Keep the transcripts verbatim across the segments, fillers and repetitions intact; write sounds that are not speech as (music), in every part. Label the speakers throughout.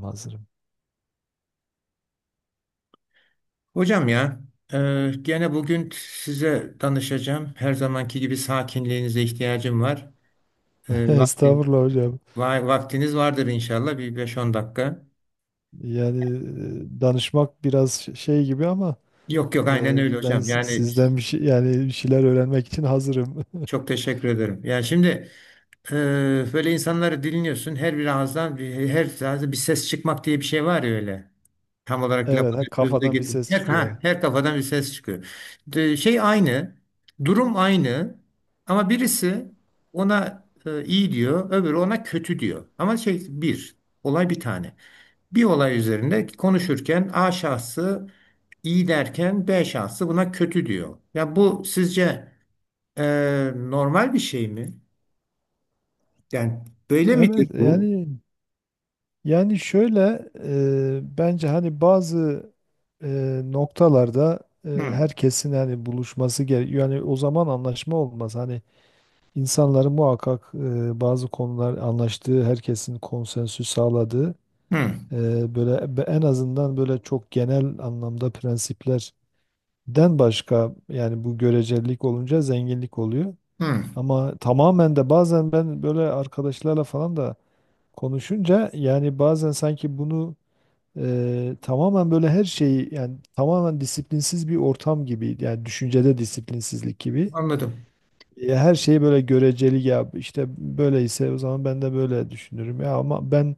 Speaker 1: Hazırım.
Speaker 2: Hocam ya, e, gene bugün size danışacağım. Her zamanki gibi sakinliğinize ihtiyacım var.
Speaker 1: (laughs)
Speaker 2: E, vaktin,
Speaker 1: Estağfurullah hocam.
Speaker 2: va- Vaktiniz vardır inşallah bir beş on dakika.
Speaker 1: Yani e, danışmak biraz ş- şey gibi ama
Speaker 2: Yok yok aynen
Speaker 1: e,
Speaker 2: öyle
Speaker 1: ben
Speaker 2: hocam.
Speaker 1: si-
Speaker 2: Yani
Speaker 1: sizden bir şey, yani bir şeyler öğrenmek için hazırım. (laughs)
Speaker 2: çok teşekkür ederim. Yani şimdi e, böyle insanları dinliyorsun. Her bir ağızdan bir, her ağızdan bir ses çıkmak diye bir şey var ya öyle. Tam olarak lafı
Speaker 1: Evet, ha,
Speaker 2: sözü de
Speaker 1: kafadan bir
Speaker 2: getir.
Speaker 1: ses
Speaker 2: Her,
Speaker 1: çıkıyor.
Speaker 2: ha, her kafadan bir ses çıkıyor. De- şey aynı, durum aynı ama birisi ona e, iyi diyor, öbürü ona kötü diyor. Ama şey bir, olay bir tane. Bir olay üzerinde konuşurken A şahsı iyi derken B şahsı buna kötü diyor. Ya bu sizce e, normal bir şey mi? Yani böyle midir
Speaker 1: Evet,
Speaker 2: bu?
Speaker 1: yani yani şöyle e, bence hani bazı e, noktalarda e,
Speaker 2: Hı,
Speaker 1: herkesin hani buluşması gerekiyor. Yani o zaman anlaşma olmaz. Hani insanların muhakkak e, bazı konular anlaştığı, herkesin konsensüs sağladığı
Speaker 2: hı,
Speaker 1: Eee, böyle be- en azından böyle çok genel anlamda prensiplerden başka, yani bu görecelik olunca zenginlik oluyor.
Speaker 2: hı.
Speaker 1: Ama tamamen de bazen ben böyle arkadaşlarla falan da konuşunca, yani bazen sanki bunu eee, tamamen böyle her şeyi, yani tamamen disiplinsiz bir ortam gibi, yani düşüncede disiplinsizlik gibi.
Speaker 2: Anladım.
Speaker 1: Ya her şeyi böyle göreceli, ya işte böyleyse o zaman ben de böyle düşünürüm ya, ama ben e,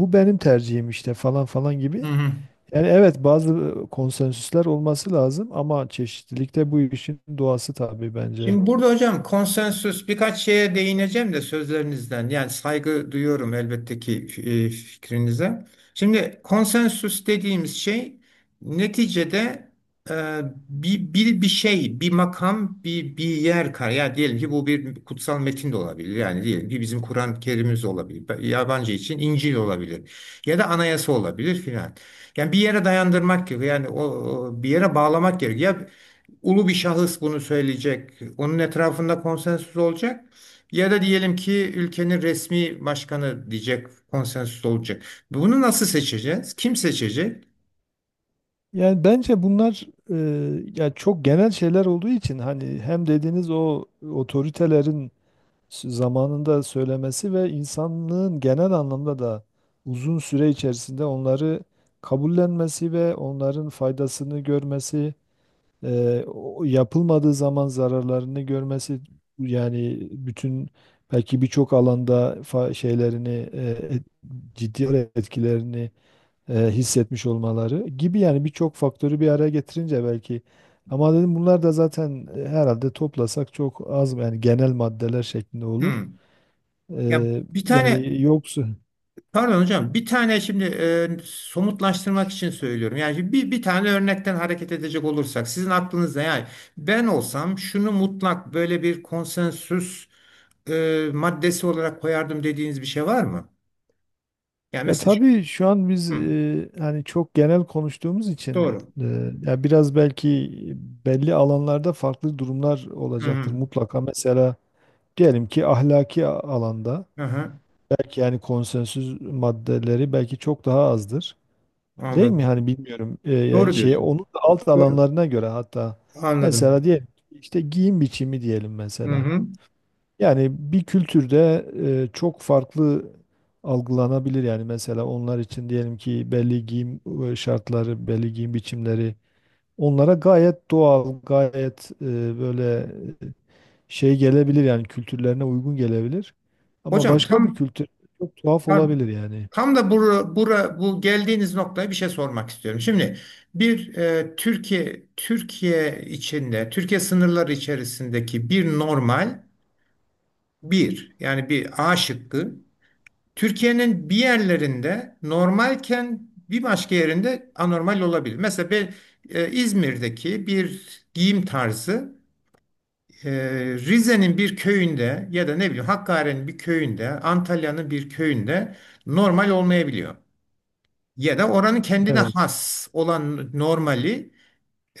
Speaker 1: bu benim tercihim işte falan falan
Speaker 2: Hı
Speaker 1: gibi.
Speaker 2: hı.
Speaker 1: Yani evet, bazı konsensüsler olması lazım ama çeşitlilikte bu işin doğası tabii bence.
Speaker 2: Şimdi burada hocam konsensüs birkaç şeye değineceğim de sözlerinizden. Yani saygı duyuyorum elbette ki e, fikrinize. Şimdi konsensüs dediğimiz şey neticede e, bir, bir, bir şey, bir makam, bir, bir yer kar. Yani diyelim ki bu bir kutsal metin de olabilir. Yani diyelim ki bizim Kur'an-ı Kerim'imiz olabilir. Yabancı için İncil olabilir. Ya da anayasa olabilir filan. Yani bir yere dayandırmak gerekiyor. Yani o, o bir yere bağlamak gerekiyor, ulu bir şahıs bunu söyleyecek. Onun etrafında konsensüs olacak. Ya da diyelim ki ülkenin resmi başkanı diyecek, konsensüs olacak. Bunu nasıl seçeceğiz? Kim seçecek?
Speaker 1: Yani bence bunlar e, ya çok genel şeyler olduğu için hani hem dediğiniz o otoritelerin s- zamanında söylemesi ve insanlığın genel anlamda da uzun süre içerisinde onları kabullenmesi ve onların faydasını görmesi, Eee, o yapılmadığı zaman zararlarını görmesi, yani bütün, belki birçok alanda fa- şeylerini, eee, et- ciddi olarak etkilerini eee, hissetmiş olmaları gibi, yani birçok faktörü bir araya getirince belki, ama dedim bunlar da zaten e, herhalde toplasak çok az, yani genel maddeler şeklinde olur.
Speaker 2: Hmm. Ya
Speaker 1: Eee,
Speaker 2: bir tane
Speaker 1: yani yoksa
Speaker 2: pardon hocam bir tane şimdi e, somutlaştırmak için söylüyorum. Yani bir, bir tane örnekten hareket edecek olursak sizin aklınızda yani ben olsam şunu mutlak böyle bir konsensüs e, maddesi olarak koyardım dediğiniz bir şey var mı? Yani
Speaker 1: ya
Speaker 2: mesela şu-
Speaker 1: tabii şu an biz
Speaker 2: hmm,
Speaker 1: e, hani çok genel konuştuğumuz için
Speaker 2: doğru.
Speaker 1: e, ya biraz belki belli alanlarda farklı durumlar
Speaker 2: Hı
Speaker 1: olacaktır
Speaker 2: hı.
Speaker 1: mutlaka. Mesela diyelim ki ahlaki a- alanda
Speaker 2: Aha,
Speaker 1: belki, yani konsensüs maddeleri belki çok daha azdır. Değil mi?
Speaker 2: anladım.
Speaker 1: Hani bilmiyorum. E, yani
Speaker 2: Doğru
Speaker 1: şey,
Speaker 2: diyorsun.
Speaker 1: onun da alt
Speaker 2: Doğru.
Speaker 1: alanlarına göre hatta,
Speaker 2: Anladım.
Speaker 1: mesela diyelim ki işte giyim biçimi diyelim
Speaker 2: Hı
Speaker 1: mesela.
Speaker 2: hı.
Speaker 1: Yani bir kültürde e, çok farklı algılanabilir. Yani mesela onlar için diyelim ki belli giyim e, şartları, belli giyim biçimleri onlara gayet doğal, gayet e, böyle e, şey gelebilir, yani kültürlerine uygun gelebilir. Ama
Speaker 2: Hocam
Speaker 1: başka bir
Speaker 2: tam
Speaker 1: kültür çok tuhaf
Speaker 2: tam
Speaker 1: olabilir yani.
Speaker 2: tam da bura, bura bu geldiğiniz noktaya bir şey sormak istiyorum. Şimdi bir e, Türkiye Türkiye içinde Türkiye sınırları içerisindeki bir normal bir yani bir A şıkkı Türkiye'nin bir yerlerinde normalken bir başka yerinde anormal olabilir. Mesela ben, e, İzmir'deki bir giyim tarzı Ee, Rize'nin bir köyünde ya da ne bileyim Hakkari'nin bir köyünde, Antalya'nın bir köyünde normal olmayabiliyor. Ya da oranın kendine
Speaker 1: Evet.
Speaker 2: has olan normali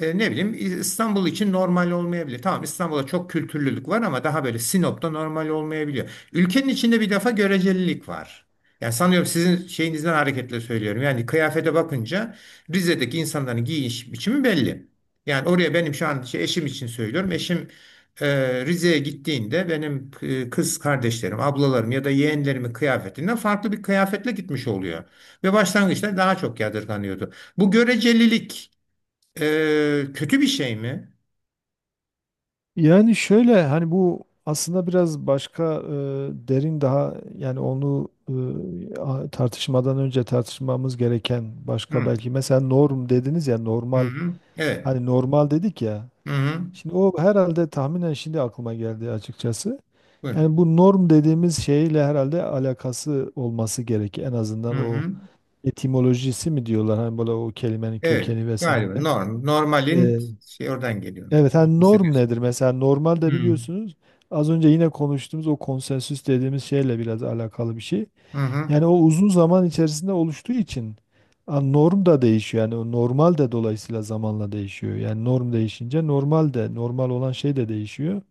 Speaker 2: e, ne bileyim İstanbul için normal olmayabilir. Tamam, İstanbul'da çok kültürlülük var ama daha böyle Sinop'ta normal olmayabiliyor. Ülkenin içinde bir defa görecelilik var. Yani sanıyorum sizin şeyinizden hareketle söylüyorum. Yani kıyafete bakınca Rize'deki insanların giyiniş biçimi belli. Yani oraya benim şu an şey, eşim için söylüyorum. Eşim e, Rize'ye gittiğinde benim e, kız kardeşlerim, ablalarım ya da yeğenlerimin kıyafetinden farklı bir kıyafetle gitmiş oluyor. Ve başlangıçta daha çok yadırganıyordu. Bu görecelilik ee, kötü bir şey mi?
Speaker 1: Yani şöyle, hani bu aslında biraz başka e, derin daha, yani onu, e, a- tartışmadan önce tartışmamız gereken başka,
Speaker 2: Hı,
Speaker 1: belki mesela norm dediniz ya,
Speaker 2: hı,
Speaker 1: normal,
Speaker 2: hı. Evet.
Speaker 1: hani normal dedik ya.
Speaker 2: Hı, hı.
Speaker 1: Şimdi o herhalde tahminen, şimdi aklıma geldi açıkçası.
Speaker 2: Buyurun.
Speaker 1: Yani bu norm dediğimiz şeyle herhalde alakası olması gerek en
Speaker 2: Hı,
Speaker 1: azından o,
Speaker 2: hı.
Speaker 1: etimolojisi mi diyorlar, hani böyle o kelimenin
Speaker 2: Evet.
Speaker 1: kökeni
Speaker 2: Galiba
Speaker 1: vesaire.
Speaker 2: norm, normalin şey oradan geliyor.
Speaker 1: Evet, hani norm
Speaker 2: Hissediyorsun.
Speaker 1: nedir? Mesela normalde
Speaker 2: Hı,
Speaker 1: biliyorsunuz, az önce yine konuştuğumuz o konsensüs dediğimiz şeyle biraz alakalı bir şey.
Speaker 2: hı, hı.
Speaker 1: Yani o uzun zaman içerisinde oluştuğu için, a, norm da değişiyor. Yani o normal de dolayısıyla zamanla değişiyor. Yani norm değişince normal de, normal olan şey de değişiyor.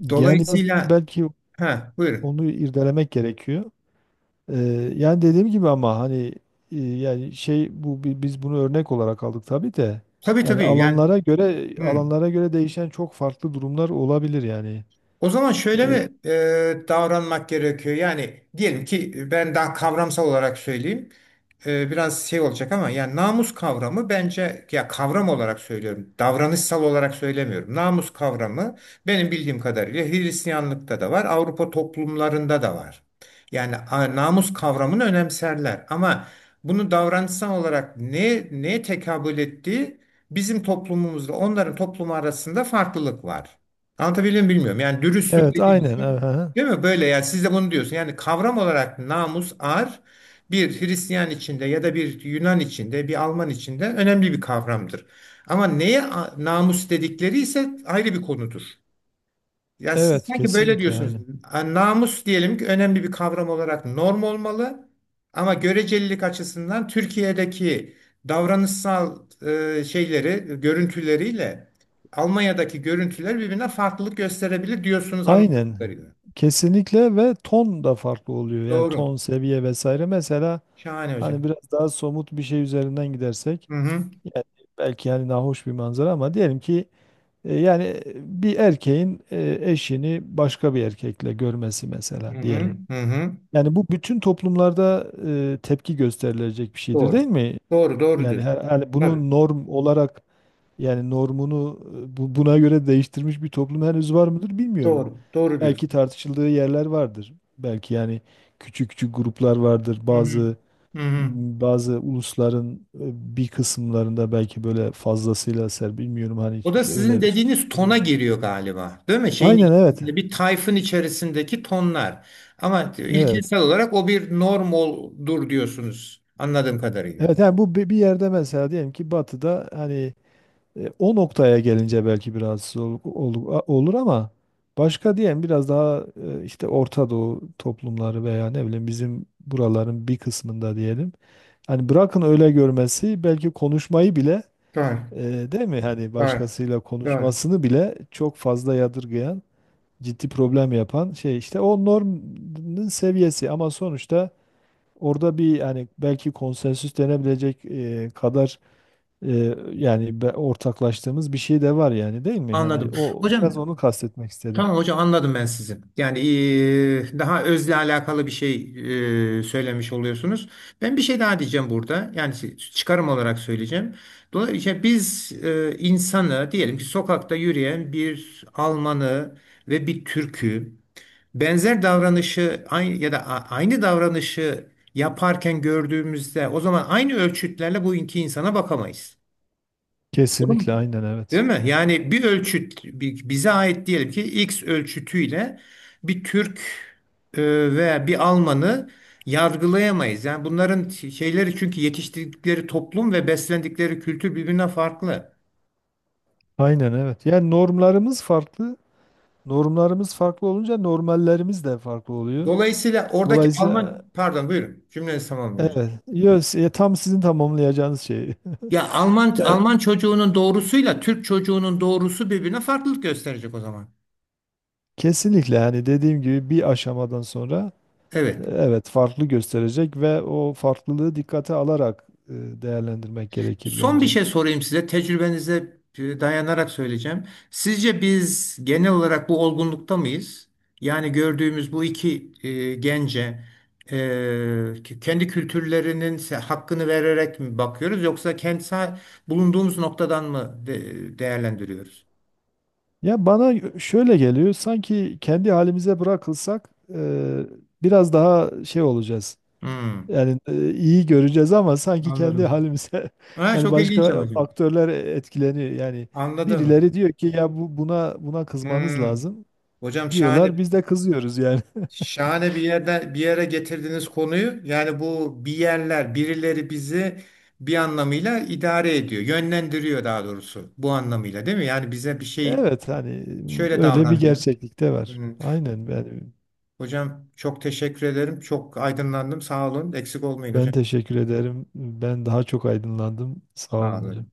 Speaker 1: Yani biraz
Speaker 2: Dolayısıyla
Speaker 1: belki
Speaker 2: ha, buyurun.
Speaker 1: onu irdelemek gerekiyor. Ee, yani dediğim gibi, ama hani e, yani şey, bu bi- biz bunu örnek olarak aldık tabii de,
Speaker 2: Tabii
Speaker 1: yani
Speaker 2: tabii yani
Speaker 1: alanlara göre
Speaker 2: hı.
Speaker 1: alanlara göre değişen çok farklı durumlar olabilir yani.
Speaker 2: O zaman şöyle
Speaker 1: Ee,
Speaker 2: mi e, davranmak gerekiyor? Yani diyelim ki ben daha kavramsal olarak söyleyeyim. E, biraz şey olacak ama yani namus kavramı bence ya kavram olarak söylüyorum. Davranışsal olarak söylemiyorum. Namus kavramı benim bildiğim kadarıyla Hristiyanlıkta da var, Avrupa toplumlarında da var. Yani a, namus kavramını önemserler ama bunu davranışsal olarak ne neye tekabül ettiği bizim toplumumuzda onların toplumu arasında farklılık var. Anlatabiliyor muyum bilmiyorum. Yani dürüstlük
Speaker 1: evet
Speaker 2: dediğimiz
Speaker 1: aynen,
Speaker 2: şey.
Speaker 1: evet, aha.
Speaker 2: Değil mi? Böyle yani siz de bunu diyorsun. Yani kavram olarak namus, ar bir Hristiyan içinde ya da bir Yunan içinde, bir Alman içinde önemli bir kavramdır. Ama neye a- namus dedikleri ise ayrı bir konudur. Ya siz
Speaker 1: Evet
Speaker 2: sanki böyle
Speaker 1: kesinlikle,
Speaker 2: diyorsunuz.
Speaker 1: aynen.
Speaker 2: Ha, namus diyelim ki önemli bir kavram olarak norm olmalı ama görecelilik açısından Türkiye'deki davranışsal e, şeyleri, görüntüleriyle Almanya'daki görüntüler birbirine farklılık gösterebilir diyorsunuz anladığım
Speaker 1: Aynen,
Speaker 2: kadarıyla.
Speaker 1: kesinlikle, ve ton da farklı oluyor, yani
Speaker 2: Doğru.
Speaker 1: ton, seviye vesaire, mesela
Speaker 2: Şahane
Speaker 1: hani
Speaker 2: hocam.
Speaker 1: biraz daha somut bir şey üzerinden gidersek,
Speaker 2: Hı hı.
Speaker 1: yani belki, yani nahoş bir manzara ama diyelim ki, E, Yani e, bir erkeğin e, eşini başka bir erkekle görmesi mesela
Speaker 2: Hı hı.
Speaker 1: diyelim.
Speaker 2: Hı hı.
Speaker 1: Yani bu bütün toplumlarda e, tepki gösterilecek bir şeydir, değil
Speaker 2: Doğru.
Speaker 1: mi?
Speaker 2: Doğru, doğru
Speaker 1: Yani her,
Speaker 2: diyorsun.
Speaker 1: her-
Speaker 2: Tabii.
Speaker 1: bunu norm olarak, yani normunu e, bu- buna göre değiştirmiş bir toplum henüz var mıdır bilmiyorum.
Speaker 2: Doğru. Doğru
Speaker 1: Belki
Speaker 2: diyorsun.
Speaker 1: tartışıldığı yerler vardır. Belki yani küçük küçük gruplar vardır.
Speaker 2: Hı hı.
Speaker 1: Bazı
Speaker 2: Hı hı.
Speaker 1: bazı ulusların e, bir kısımlarında belki böyle fazlasıyla ser bilmiyorum, hani
Speaker 2: O
Speaker 1: hiç
Speaker 2: da sizin
Speaker 1: böyle.
Speaker 2: dediğiniz tona giriyor galiba, değil mi? Şeyin
Speaker 1: Aynen evet.
Speaker 2: içerisinde bir tayfın içerisindeki tonlar. Ama
Speaker 1: Evet.
Speaker 2: ilkesel olarak o bir normaldur diyorsunuz anladığım kadarıyla.
Speaker 1: Evet, yani bu bi- bir yerde mesela diyelim ki batıda, hani e, o noktaya gelince belki biraz ol- ol- a- olur, ama başka diyelim biraz daha e, işte Orta Doğu toplumları veya ne bileyim bizim buraların bir kısmında diyelim. Hani bırakın öyle görmesi, belki konuşmayı bile,
Speaker 2: Doğru,
Speaker 1: e, değil mi? Hani
Speaker 2: doğru,
Speaker 1: başkasıyla
Speaker 2: doğru.
Speaker 1: konuşmasını bile çok fazla yadırgayan, ciddi problem yapan şey işte o normun seviyesi, ama sonuçta orada bir hani belki konsensüs denebilecek e, kadar, e, yani be- ortaklaştığımız bir şey de var yani, değil mi? Hani
Speaker 2: Anladım.
Speaker 1: o,
Speaker 2: Hocam,
Speaker 1: biraz onu kastetmek istedim.
Speaker 2: tamam hocam, anladım ben sizi. Yani eee, daha özle alakalı bir şey eee, söylemiş oluyorsunuz. Ben bir şey daha diyeceğim burada. Yani si- çıkarım olarak söyleyeceğim. Dolayısıyla biz eee, insanı diyelim ki sokakta yürüyen bir Almanı ve bir Türk'ü benzer davranışı aynı ya da a- aynı davranışı yaparken gördüğümüzde o zaman aynı ölçütlerle bu iki insana bakamayız. Doğru mu?
Speaker 1: Kesinlikle, aynen,
Speaker 2: Değil
Speaker 1: evet.
Speaker 2: mi? Yani bir ölçüt bi- bize ait diyelim ki X ölçütüyle bir Türk e, veya bir Alman'ı yargılayamayız. Yani bunların şeyleri çünkü yetiştirdikleri toplum ve beslendikleri kültür birbirinden farklı.
Speaker 1: Aynen evet. Yani normlarımız farklı. Normlarımız farklı olunca normallerimiz de farklı oluyor.
Speaker 2: Dolayısıyla oradaki
Speaker 1: Dolayısıyla
Speaker 2: Alman pardon buyurun cümlenizi
Speaker 1: e,
Speaker 2: tamamlayın hocam.
Speaker 1: evet. Yo, s- tam sizin tamamlayacağınız şey.
Speaker 2: Ya Alman
Speaker 1: (laughs) Ya,
Speaker 2: Alman çocuğunun doğrusuyla Türk çocuğunun doğrusu birbirine farklılık gösterecek o zaman.
Speaker 1: kesinlikle, yani dediğim gibi bir aşamadan sonra
Speaker 2: Evet.
Speaker 1: evet, farklı gösterecek ve o farklılığı dikkate alarak e, değerlendirmek gerekir
Speaker 2: Son bir
Speaker 1: bence.
Speaker 2: şey sorayım size. Tecrübenize e, dayanarak söyleyeceğim. Sizce biz genel olarak bu olgunlukta mıyız? Yani gördüğümüz bu iki e, gence e, k- kendi kültürlerinin se- hakkını vererek mi bakıyoruz yoksa kentsel bulunduğumuz noktadan mı de- değerlendiriyoruz?
Speaker 1: Ya bana şöyle geliyor, sanki kendi halimize bırakılsak e, biraz daha şey olacağız.
Speaker 2: Hmm,
Speaker 1: Yani e, iyi göreceğiz, ama sanki kendi
Speaker 2: anladım.
Speaker 1: halimize (laughs)
Speaker 2: Ha,
Speaker 1: yani
Speaker 2: çok ilginç ama
Speaker 1: başka
Speaker 2: hocam.
Speaker 1: faktörler etkileniyor. Yani
Speaker 2: Anladım.
Speaker 1: birileri diyor ki ya bu buna buna kızmanız
Speaker 2: Hmm.
Speaker 1: lazım
Speaker 2: Hocam şahane.
Speaker 1: diyorlar. Biz de kızıyoruz yani. (laughs)
Speaker 2: Şahane bir yerden bir yere getirdiğiniz konuyu. Yani bu bir yerler, birileri bizi bir anlamıyla idare ediyor, yönlendiriyor daha doğrusu bu anlamıyla değil mi? Yani bize bir şey
Speaker 1: Evet, hani
Speaker 2: şöyle
Speaker 1: öyle bir
Speaker 2: davran diyor.
Speaker 1: gerçeklik de var.
Speaker 2: Hı.
Speaker 1: Aynen ben,
Speaker 2: Hocam çok teşekkür ederim. Çok aydınlandım. Sağ olun. Eksik olmayın
Speaker 1: ben
Speaker 2: hocam.
Speaker 1: teşekkür ederim. Ben daha çok aydınlandım. Sağ
Speaker 2: Sağ
Speaker 1: olun hocam.
Speaker 2: olun.